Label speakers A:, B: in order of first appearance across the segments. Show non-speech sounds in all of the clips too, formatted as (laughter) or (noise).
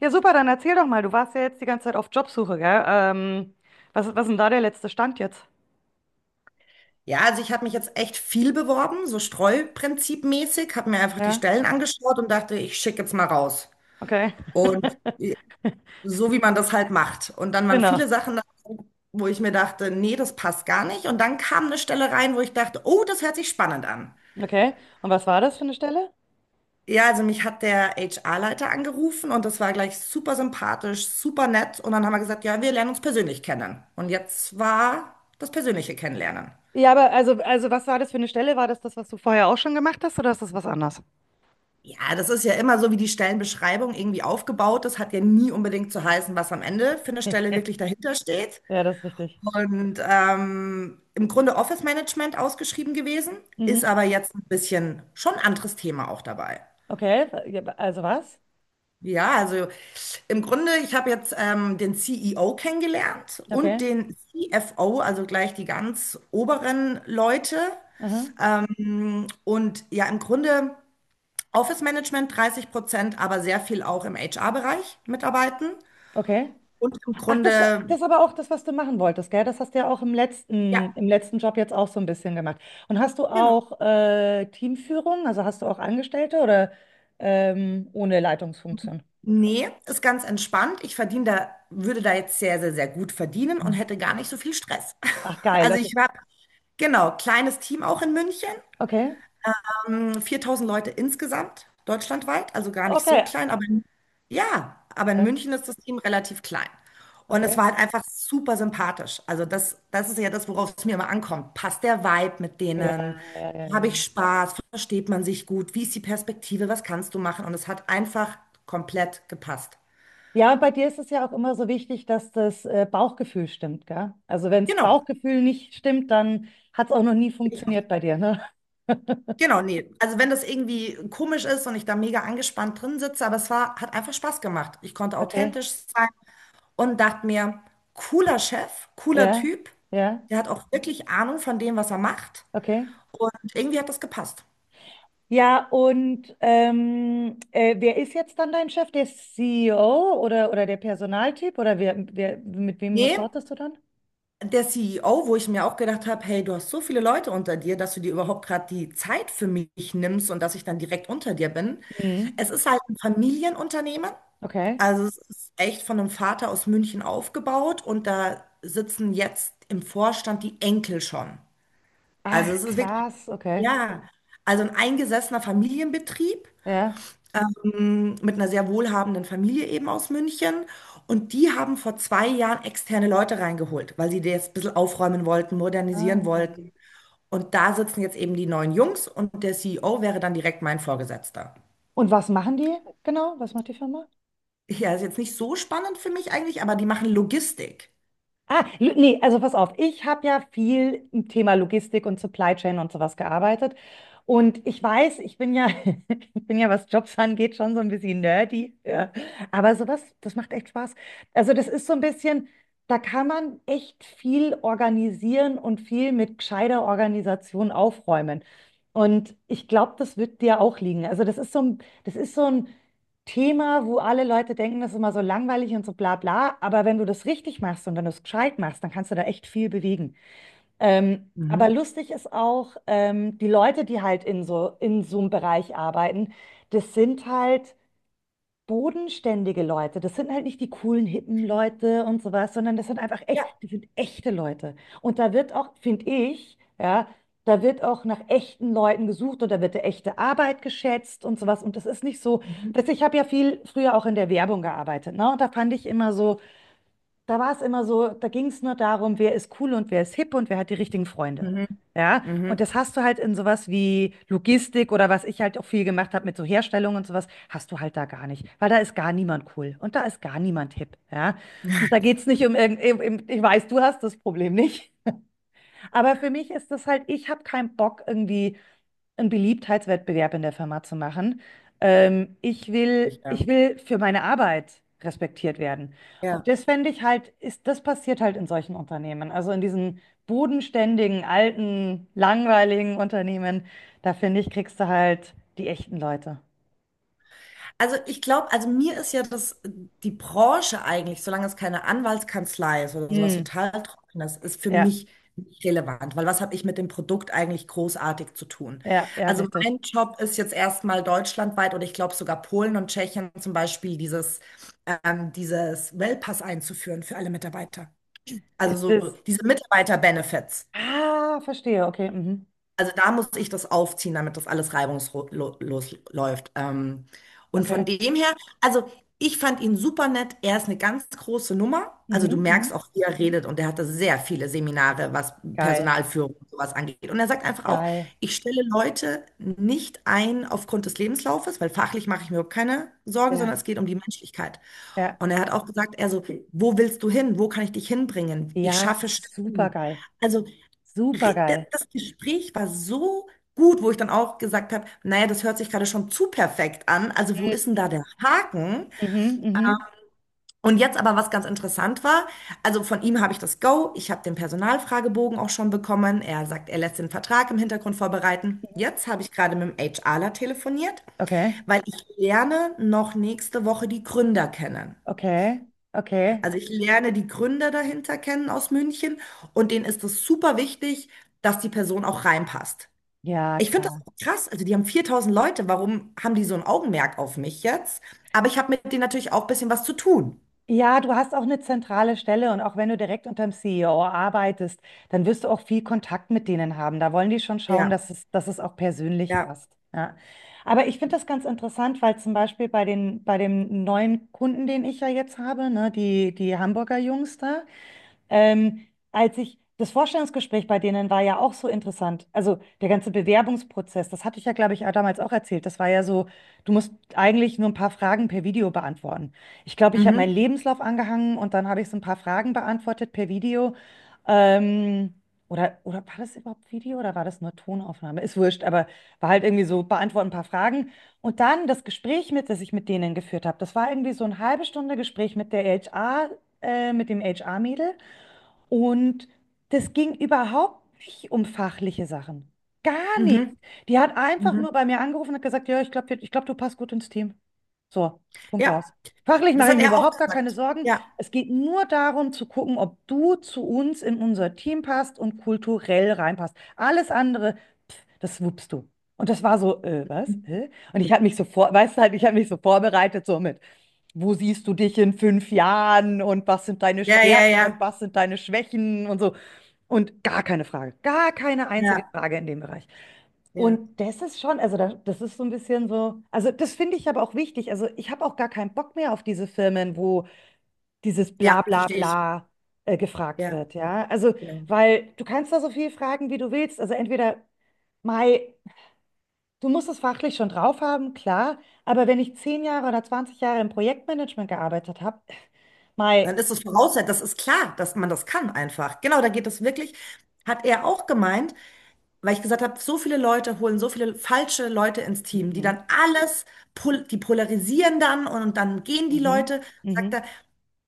A: Ja, super, dann erzähl doch mal. Du warst ja jetzt die ganze Zeit auf Jobsuche, gell? Was ist denn da der letzte Stand jetzt?
B: Ja, also ich habe mich jetzt echt viel beworben, so Streuprinzipmäßig, habe mir einfach die
A: Ja,
B: Stellen angeschaut und dachte, ich schicke jetzt mal raus.
A: okay.
B: Und
A: (laughs)
B: so wie man das halt macht. Und dann waren
A: Genau.
B: viele Sachen, dabei, wo ich mir dachte, nee, das passt gar nicht. Und dann kam eine Stelle rein, wo ich dachte, oh, das hört sich spannend an.
A: Okay. Und was war das für eine Stelle?
B: Ja, also mich hat der HR-Leiter angerufen und das war gleich super sympathisch, super nett. Und dann haben wir gesagt, ja, wir lernen uns persönlich kennen. Und jetzt war das persönliche Kennenlernen.
A: Ja, aber also was war das für eine Stelle? War das das, was du vorher auch schon gemacht hast, oder ist das was anderes?
B: Ja, das ist ja immer so, wie die Stellenbeschreibung irgendwie aufgebaut ist. Hat ja nie unbedingt zu heißen, was am Ende für eine Stelle wirklich dahinter steht.
A: Ja, das ist richtig.
B: Und im Grunde Office Management ausgeschrieben gewesen, ist
A: Mhm.
B: aber jetzt ein bisschen schon anderes Thema auch dabei.
A: Okay. Ja, also was?
B: Ja, also im Grunde, ich habe jetzt den CEO kennengelernt und
A: Okay.
B: den CFO, also gleich die ganz oberen Leute.
A: Aha.
B: Und ja, im Grunde. Office Management 30%, aber sehr viel auch im HR-Bereich mitarbeiten.
A: Okay.
B: Und im
A: Ach, das,
B: Grunde,
A: das aber auch das, was du machen wolltest, gell? Das hast du ja auch im letzten,
B: ja,
A: im letzten Job jetzt auch so ein bisschen gemacht. Und hast du
B: genau.
A: auch Teamführung? Also hast du auch Angestellte oder ohne Leitungsfunktion?
B: Nee, ist ganz entspannt. Ich verdiene da, würde da jetzt sehr, sehr, sehr gut verdienen und hätte
A: Mhm.
B: gar nicht so viel Stress. (laughs)
A: Ach, geil.
B: Also
A: Okay.
B: ich habe, genau, kleines Team auch in München.
A: Okay.
B: 4000 Leute insgesamt, deutschlandweit, also gar nicht
A: Okay.
B: so klein, aber in, ja, aber in
A: Ja,
B: München ist das Team relativ klein. Und es
A: okay.
B: war halt einfach super sympathisch. Also das, das ist ja das, worauf es mir immer ankommt. Passt der Vibe mit
A: Ja,
B: denen?
A: ja, ja, ja.
B: Habe ich Spaß? Versteht man sich gut? Wie ist die Perspektive? Was kannst du machen? Und es hat einfach komplett gepasst.
A: Ja, und bei dir ist es ja auch immer so wichtig, dass das Bauchgefühl stimmt, gell? Also wenn das
B: Genau,
A: Bauchgefühl nicht stimmt, dann hat es auch noch nie
B: bin ich auch.
A: funktioniert bei dir, ne? (laughs)
B: Genau, nee. Also wenn das irgendwie komisch ist und ich da mega angespannt drin sitze, aber es war, hat einfach Spaß gemacht. Ich konnte
A: Okay.
B: authentisch sein. Und dachte mir, cooler Chef, cooler
A: Ja.
B: Typ,
A: Ja.
B: der hat auch wirklich Ahnung von dem, was er macht.
A: Okay.
B: Und irgendwie hat das gepasst.
A: Ja, und wer ist jetzt dann dein Chef? Der CEO oder der Personaltyp? Oder mit wem
B: Nee,
A: reportest du dann?
B: der CEO, wo ich mir auch gedacht habe, hey, du hast so viele Leute unter dir, dass du dir überhaupt gerade die Zeit für mich nimmst und dass ich dann direkt unter dir bin.
A: Mhm.
B: Es ist halt ein Familienunternehmen.
A: Okay.
B: Also es ist echt von einem Vater aus München aufgebaut und da sitzen jetzt im Vorstand die Enkel schon. Also
A: Ach,
B: es ist wirklich,
A: krass, okay.
B: ja, also ein eingesessener Familienbetrieb
A: Ja.
B: mit einer sehr wohlhabenden Familie eben aus München. Und die haben vor 2 Jahren externe Leute reingeholt, weil sie das ein bisschen aufräumen wollten, modernisieren
A: Ah.
B: wollten. Und da sitzen jetzt eben die neuen Jungs und der CEO wäre dann direkt mein Vorgesetzter.
A: Und was machen die genau? Was macht die Firma?
B: Ja, ist jetzt nicht so spannend für mich eigentlich, aber die machen Logistik.
A: Ah, nee, also pass auf, ich habe ja viel im Thema Logistik und Supply Chain und sowas gearbeitet. Und ich weiß, ich bin ja, (laughs) ich bin ja, was Jobs angeht, schon so ein bisschen nerdy. Ja. Aber sowas, das macht echt Spaß. Also das ist so ein bisschen, da kann man echt viel organisieren und viel mit gescheiter Organisation aufräumen. Und ich glaube, das wird dir auch liegen. Also das ist so ein Thema, wo alle Leute denken, das ist immer so langweilig und so bla bla. Aber wenn du das richtig machst und wenn du es gescheit machst, dann kannst du da echt viel bewegen. Aber
B: Mhm.
A: lustig ist auch, die Leute, die halt in so einem Bereich arbeiten, das sind halt bodenständige Leute. Das sind halt nicht die coolen, hippen Leute und sowas, sondern das sind einfach echt,
B: Ja.
A: das sind echte Leute. Und da wird auch, finde ich, ja, da wird auch nach echten Leuten gesucht und da wird die echte Arbeit geschätzt und sowas. Und das ist nicht so,
B: Mhm.
A: dass ich habe ja viel früher auch in der Werbung gearbeitet, ne? Und da fand ich immer so, da war es immer so, da ging es nur darum, wer ist cool und wer ist hip und wer hat die richtigen Freunde.
B: Mhm.
A: Ja, und
B: Mhm.
A: das hast du halt in sowas wie Logistik oder was ich halt auch viel gemacht habe mit so Herstellung und sowas, hast du halt da gar nicht, weil da ist gar niemand cool und da ist gar niemand hip. Ja, und da geht es nicht um ich weiß, du hast das Problem nicht. Aber für mich ist das halt, ich habe keinen Bock, irgendwie einen Beliebtheitswettbewerb in der Firma zu machen. Ich will, ich
B: Ja.
A: will für meine Arbeit respektiert werden. Und
B: Ja.
A: das fände ich halt, das passiert halt in solchen Unternehmen. Also in diesen bodenständigen, alten, langweiligen Unternehmen, da finde ich, kriegst du halt die echten Leute.
B: Also ich glaube, also mir ist ja das, die Branche eigentlich, solange es keine Anwaltskanzlei ist oder sowas
A: Mm,
B: total Trockenes, ist für
A: ja,
B: mich nicht relevant, weil was habe ich mit dem Produkt eigentlich großartig zu tun?
A: ja, ja,
B: Also
A: richtig.
B: mein Job ist jetzt erstmal deutschlandweit oder ich glaube sogar Polen und Tschechien zum Beispiel dieses, dieses Wellpass einzuführen für alle Mitarbeiter. Also
A: Ist
B: so
A: es.
B: diese Mitarbeiter-Benefits.
A: Ah, verstehe. Okay. Mhm.
B: Also da muss ich das aufziehen, damit das alles reibungslos läuft. Und
A: Okay.
B: von dem her, also ich fand ihn super nett. Er ist eine ganz große Nummer.
A: Mhm,
B: Also du merkst
A: mhm.
B: auch, wie er redet und er hatte sehr viele Seminare, was
A: Geil,
B: Personalführung und sowas angeht. Und er sagt einfach auch,
A: geil.
B: ich stelle Leute nicht ein aufgrund des Lebenslaufes, weil fachlich mache ich mir überhaupt keine Sorgen,
A: Ja,
B: sondern es geht um die Menschlichkeit.
A: ja.
B: Und er hat auch gesagt, er so, wo willst du hin? Wo kann ich dich hinbringen? Ich
A: Ja,
B: schaffe
A: super
B: Stellen.
A: supergeil.
B: Also
A: Supergeil.
B: das Gespräch war so gut, wo ich dann auch gesagt habe, naja, das hört sich gerade schon zu perfekt an. Also wo
A: Mhm,
B: ist denn da der Haken?
A: mhm,
B: Ähm,
A: mhm.
B: Und jetzt aber, was ganz interessant war, also von ihm habe ich das Go, ich habe den Personalfragebogen auch schon bekommen. Er sagt, er lässt den Vertrag im Hintergrund vorbereiten. Jetzt habe ich gerade mit dem HRler telefoniert,
A: Okay,
B: weil ich lerne noch nächste Woche die Gründer kennen.
A: okay, okay.
B: Also ich lerne die Gründer dahinter kennen aus München und denen ist es super wichtig, dass die Person auch reinpasst.
A: Ja,
B: Ich finde das
A: klar.
B: auch krass. Also, die haben 4000 Leute. Warum haben die so ein Augenmerk auf mich jetzt? Aber ich habe mit denen natürlich auch ein bisschen was zu tun.
A: Ja, du hast auch eine zentrale Stelle und auch wenn du direkt unterm CEO arbeitest, dann wirst du auch viel Kontakt mit denen haben. Da wollen die schon schauen,
B: Ja,
A: dass es auch persönlich
B: ja.
A: passt. Ja. Aber ich finde das ganz interessant, weil zum Beispiel bei dem neuen Kunden, den ich ja jetzt habe, ne, die Hamburger Jungs da. Ähm, das Vorstellungsgespräch bei denen war ja auch so interessant. Also der ganze Bewerbungsprozess, das hatte ich ja, glaube ich, auch damals auch erzählt. Das war ja so, du musst eigentlich nur ein paar Fragen per Video beantworten. Ich glaube, ich habe meinen
B: Mhm,
A: Lebenslauf angehangen und dann habe ich so ein paar Fragen beantwortet per Video. Ähm, oder war das überhaupt Video oder war das nur Tonaufnahme? Ist wurscht, aber war halt irgendwie so, beantworten ein paar Fragen. Und dann das Gespräch mit, das ich mit denen geführt habe, das war irgendwie so eine halbe Stunde Gespräch mit der HR, mit dem HR-Mädel. Und das ging überhaupt nicht um fachliche Sachen. Gar nicht.
B: mhm,
A: Die hat einfach
B: mhm.
A: nur bei mir angerufen und hat gesagt, ja, ich glaube, ich glaub, du passt gut ins Team. So, Punkt
B: Ja,
A: aus. Fachlich
B: das
A: mache ich
B: hat
A: mir
B: er auch
A: überhaupt gar keine
B: gesagt.
A: Sorgen.
B: Ja,
A: Es geht nur darum zu gucken, ob du zu uns in unser Team passt und kulturell reinpasst. Alles andere, das wuppst du. Und das war so, was? Hä? Und ich habe mich so vor, weißt du halt, ich habe mich so vorbereitet, so mit, wo siehst du dich in 5 Jahren und was sind deine
B: ja, ja,
A: Stärken und
B: ja,
A: was sind deine Schwächen und so. Und gar keine Frage, gar keine einzige
B: ja,
A: Frage in dem Bereich.
B: ja,
A: Und das ist schon, also das ist so ein bisschen so, also das finde ich aber auch wichtig. Also ich habe auch gar keinen Bock mehr auf diese Firmen, wo dieses bla
B: ja,
A: bla
B: verstehe ich.
A: bla gefragt
B: Ja,
A: wird, ja. Also,
B: ja.
A: weil du kannst da so viel fragen, wie du willst. Also entweder. Mai, du musst es fachlich schon drauf haben, klar, aber wenn ich 10 Jahre oder 20 Jahre im Projektmanagement gearbeitet habe,
B: Dann
A: mei,
B: ist es Voraussetzung, das ist klar, dass man das kann einfach. Genau, da geht es wirklich, hat er auch gemeint, weil ich gesagt habe, so viele Leute holen so viele falsche Leute ins Team, die
A: mhm,
B: dann alles, pol die polarisieren dann und dann gehen die
A: mhm,
B: Leute, sagt
A: mhm,
B: er.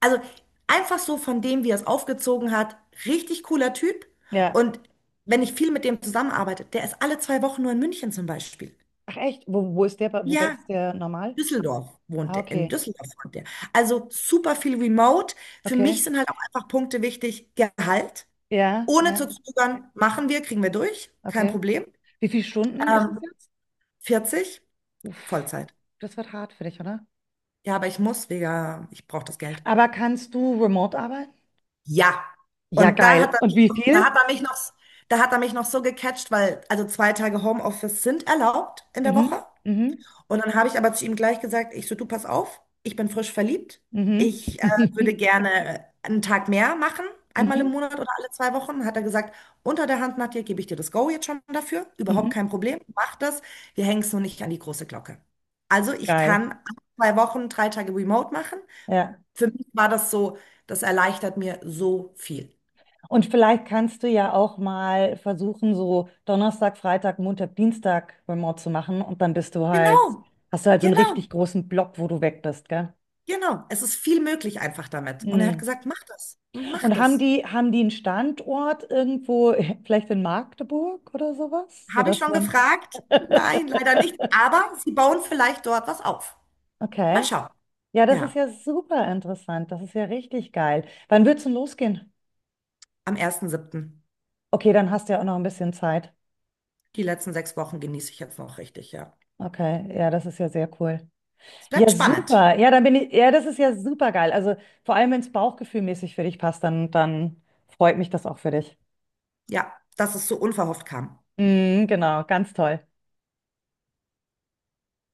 B: Also einfach so von dem, wie er es aufgezogen hat, richtig cooler Typ.
A: ja,
B: Und wenn ich viel mit dem zusammenarbeite, der ist alle 2 Wochen nur in München zum Beispiel.
A: ach echt, wo
B: Ja,
A: ist der normal?
B: Düsseldorf wohnt
A: Ah,
B: er, in
A: okay,
B: Düsseldorf wohnt er. Also super viel Remote. Für
A: okay,
B: mich sind halt auch einfach Punkte wichtig. Gehalt,
A: ja,
B: ohne zu
A: ja,
B: zögern, machen wir, kriegen wir durch, kein
A: okay.
B: Problem.
A: Wie viele Stunden ist es
B: Ähm,
A: jetzt?
B: 40,
A: Uff,
B: Vollzeit.
A: das wird hart für dich, oder?
B: Ja, aber ich muss, wegen, ich brauche das Geld.
A: Aber kannst du remote arbeiten?
B: Ja.
A: Ja,
B: Und da hat
A: geil.
B: er
A: Und
B: mich
A: wie
B: noch, da
A: viel?
B: hat er mich noch, da hat er mich noch so gecatcht, weil also 2 Tage Homeoffice sind erlaubt in der Woche.
A: Mhm, mhm,
B: Und dann habe ich aber zu ihm gleich gesagt, ich so, du pass auf, ich bin frisch verliebt.
A: mhm,
B: Ich würde
A: (laughs)
B: gerne einen Tag mehr machen, einmal im
A: mhm,
B: Monat oder alle 2 Wochen. Hat er gesagt, unter der Hand, Nadja, gebe ich dir das Go jetzt schon dafür. Überhaupt
A: mhm,
B: kein Problem, mach das. Wir hängen es nur nicht an die große Glocke. Also ich
A: geil,
B: kann alle 2 Wochen, 3 Tage remote machen.
A: ja.
B: Für mich war das so, das erleichtert mir so viel.
A: Und vielleicht kannst du ja auch mal versuchen, so Donnerstag, Freitag, Montag, Dienstag remote zu machen und dann bist du halt,
B: Genau,
A: hast du halt so einen richtig
B: genau,
A: großen Block, wo du weg bist, gell?
B: genau. Es ist viel möglich einfach damit. Und er hat
A: Mhm.
B: gesagt, mach das, mach
A: Und haben
B: das.
A: die, haben die einen Standort irgendwo, (laughs) vielleicht in Magdeburg oder sowas,
B: Habe ich
A: sodass
B: schon
A: man
B: gefragt? Nein,
A: (laughs)
B: leider nicht. Aber sie bauen vielleicht dort was auf. Mal
A: okay.
B: schauen.
A: Ja, das ist
B: Ja,
A: ja super interessant. Das ist ja richtig geil. Wann wird's denn losgehen?
B: am ersten siebten.
A: Okay, dann hast du ja auch noch ein bisschen Zeit.
B: Die letzten 6 Wochen genieße ich jetzt noch richtig, ja.
A: Okay, ja, das ist ja sehr cool.
B: Es bleibt
A: Ja,
B: spannend.
A: super. Ja, ja, das ist ja super geil. Also vor allem, wenn es bauchgefühlmäßig für dich passt, dann freut mich das auch für dich.
B: Ja, dass es so unverhofft kam.
A: Mhm, genau, ganz toll.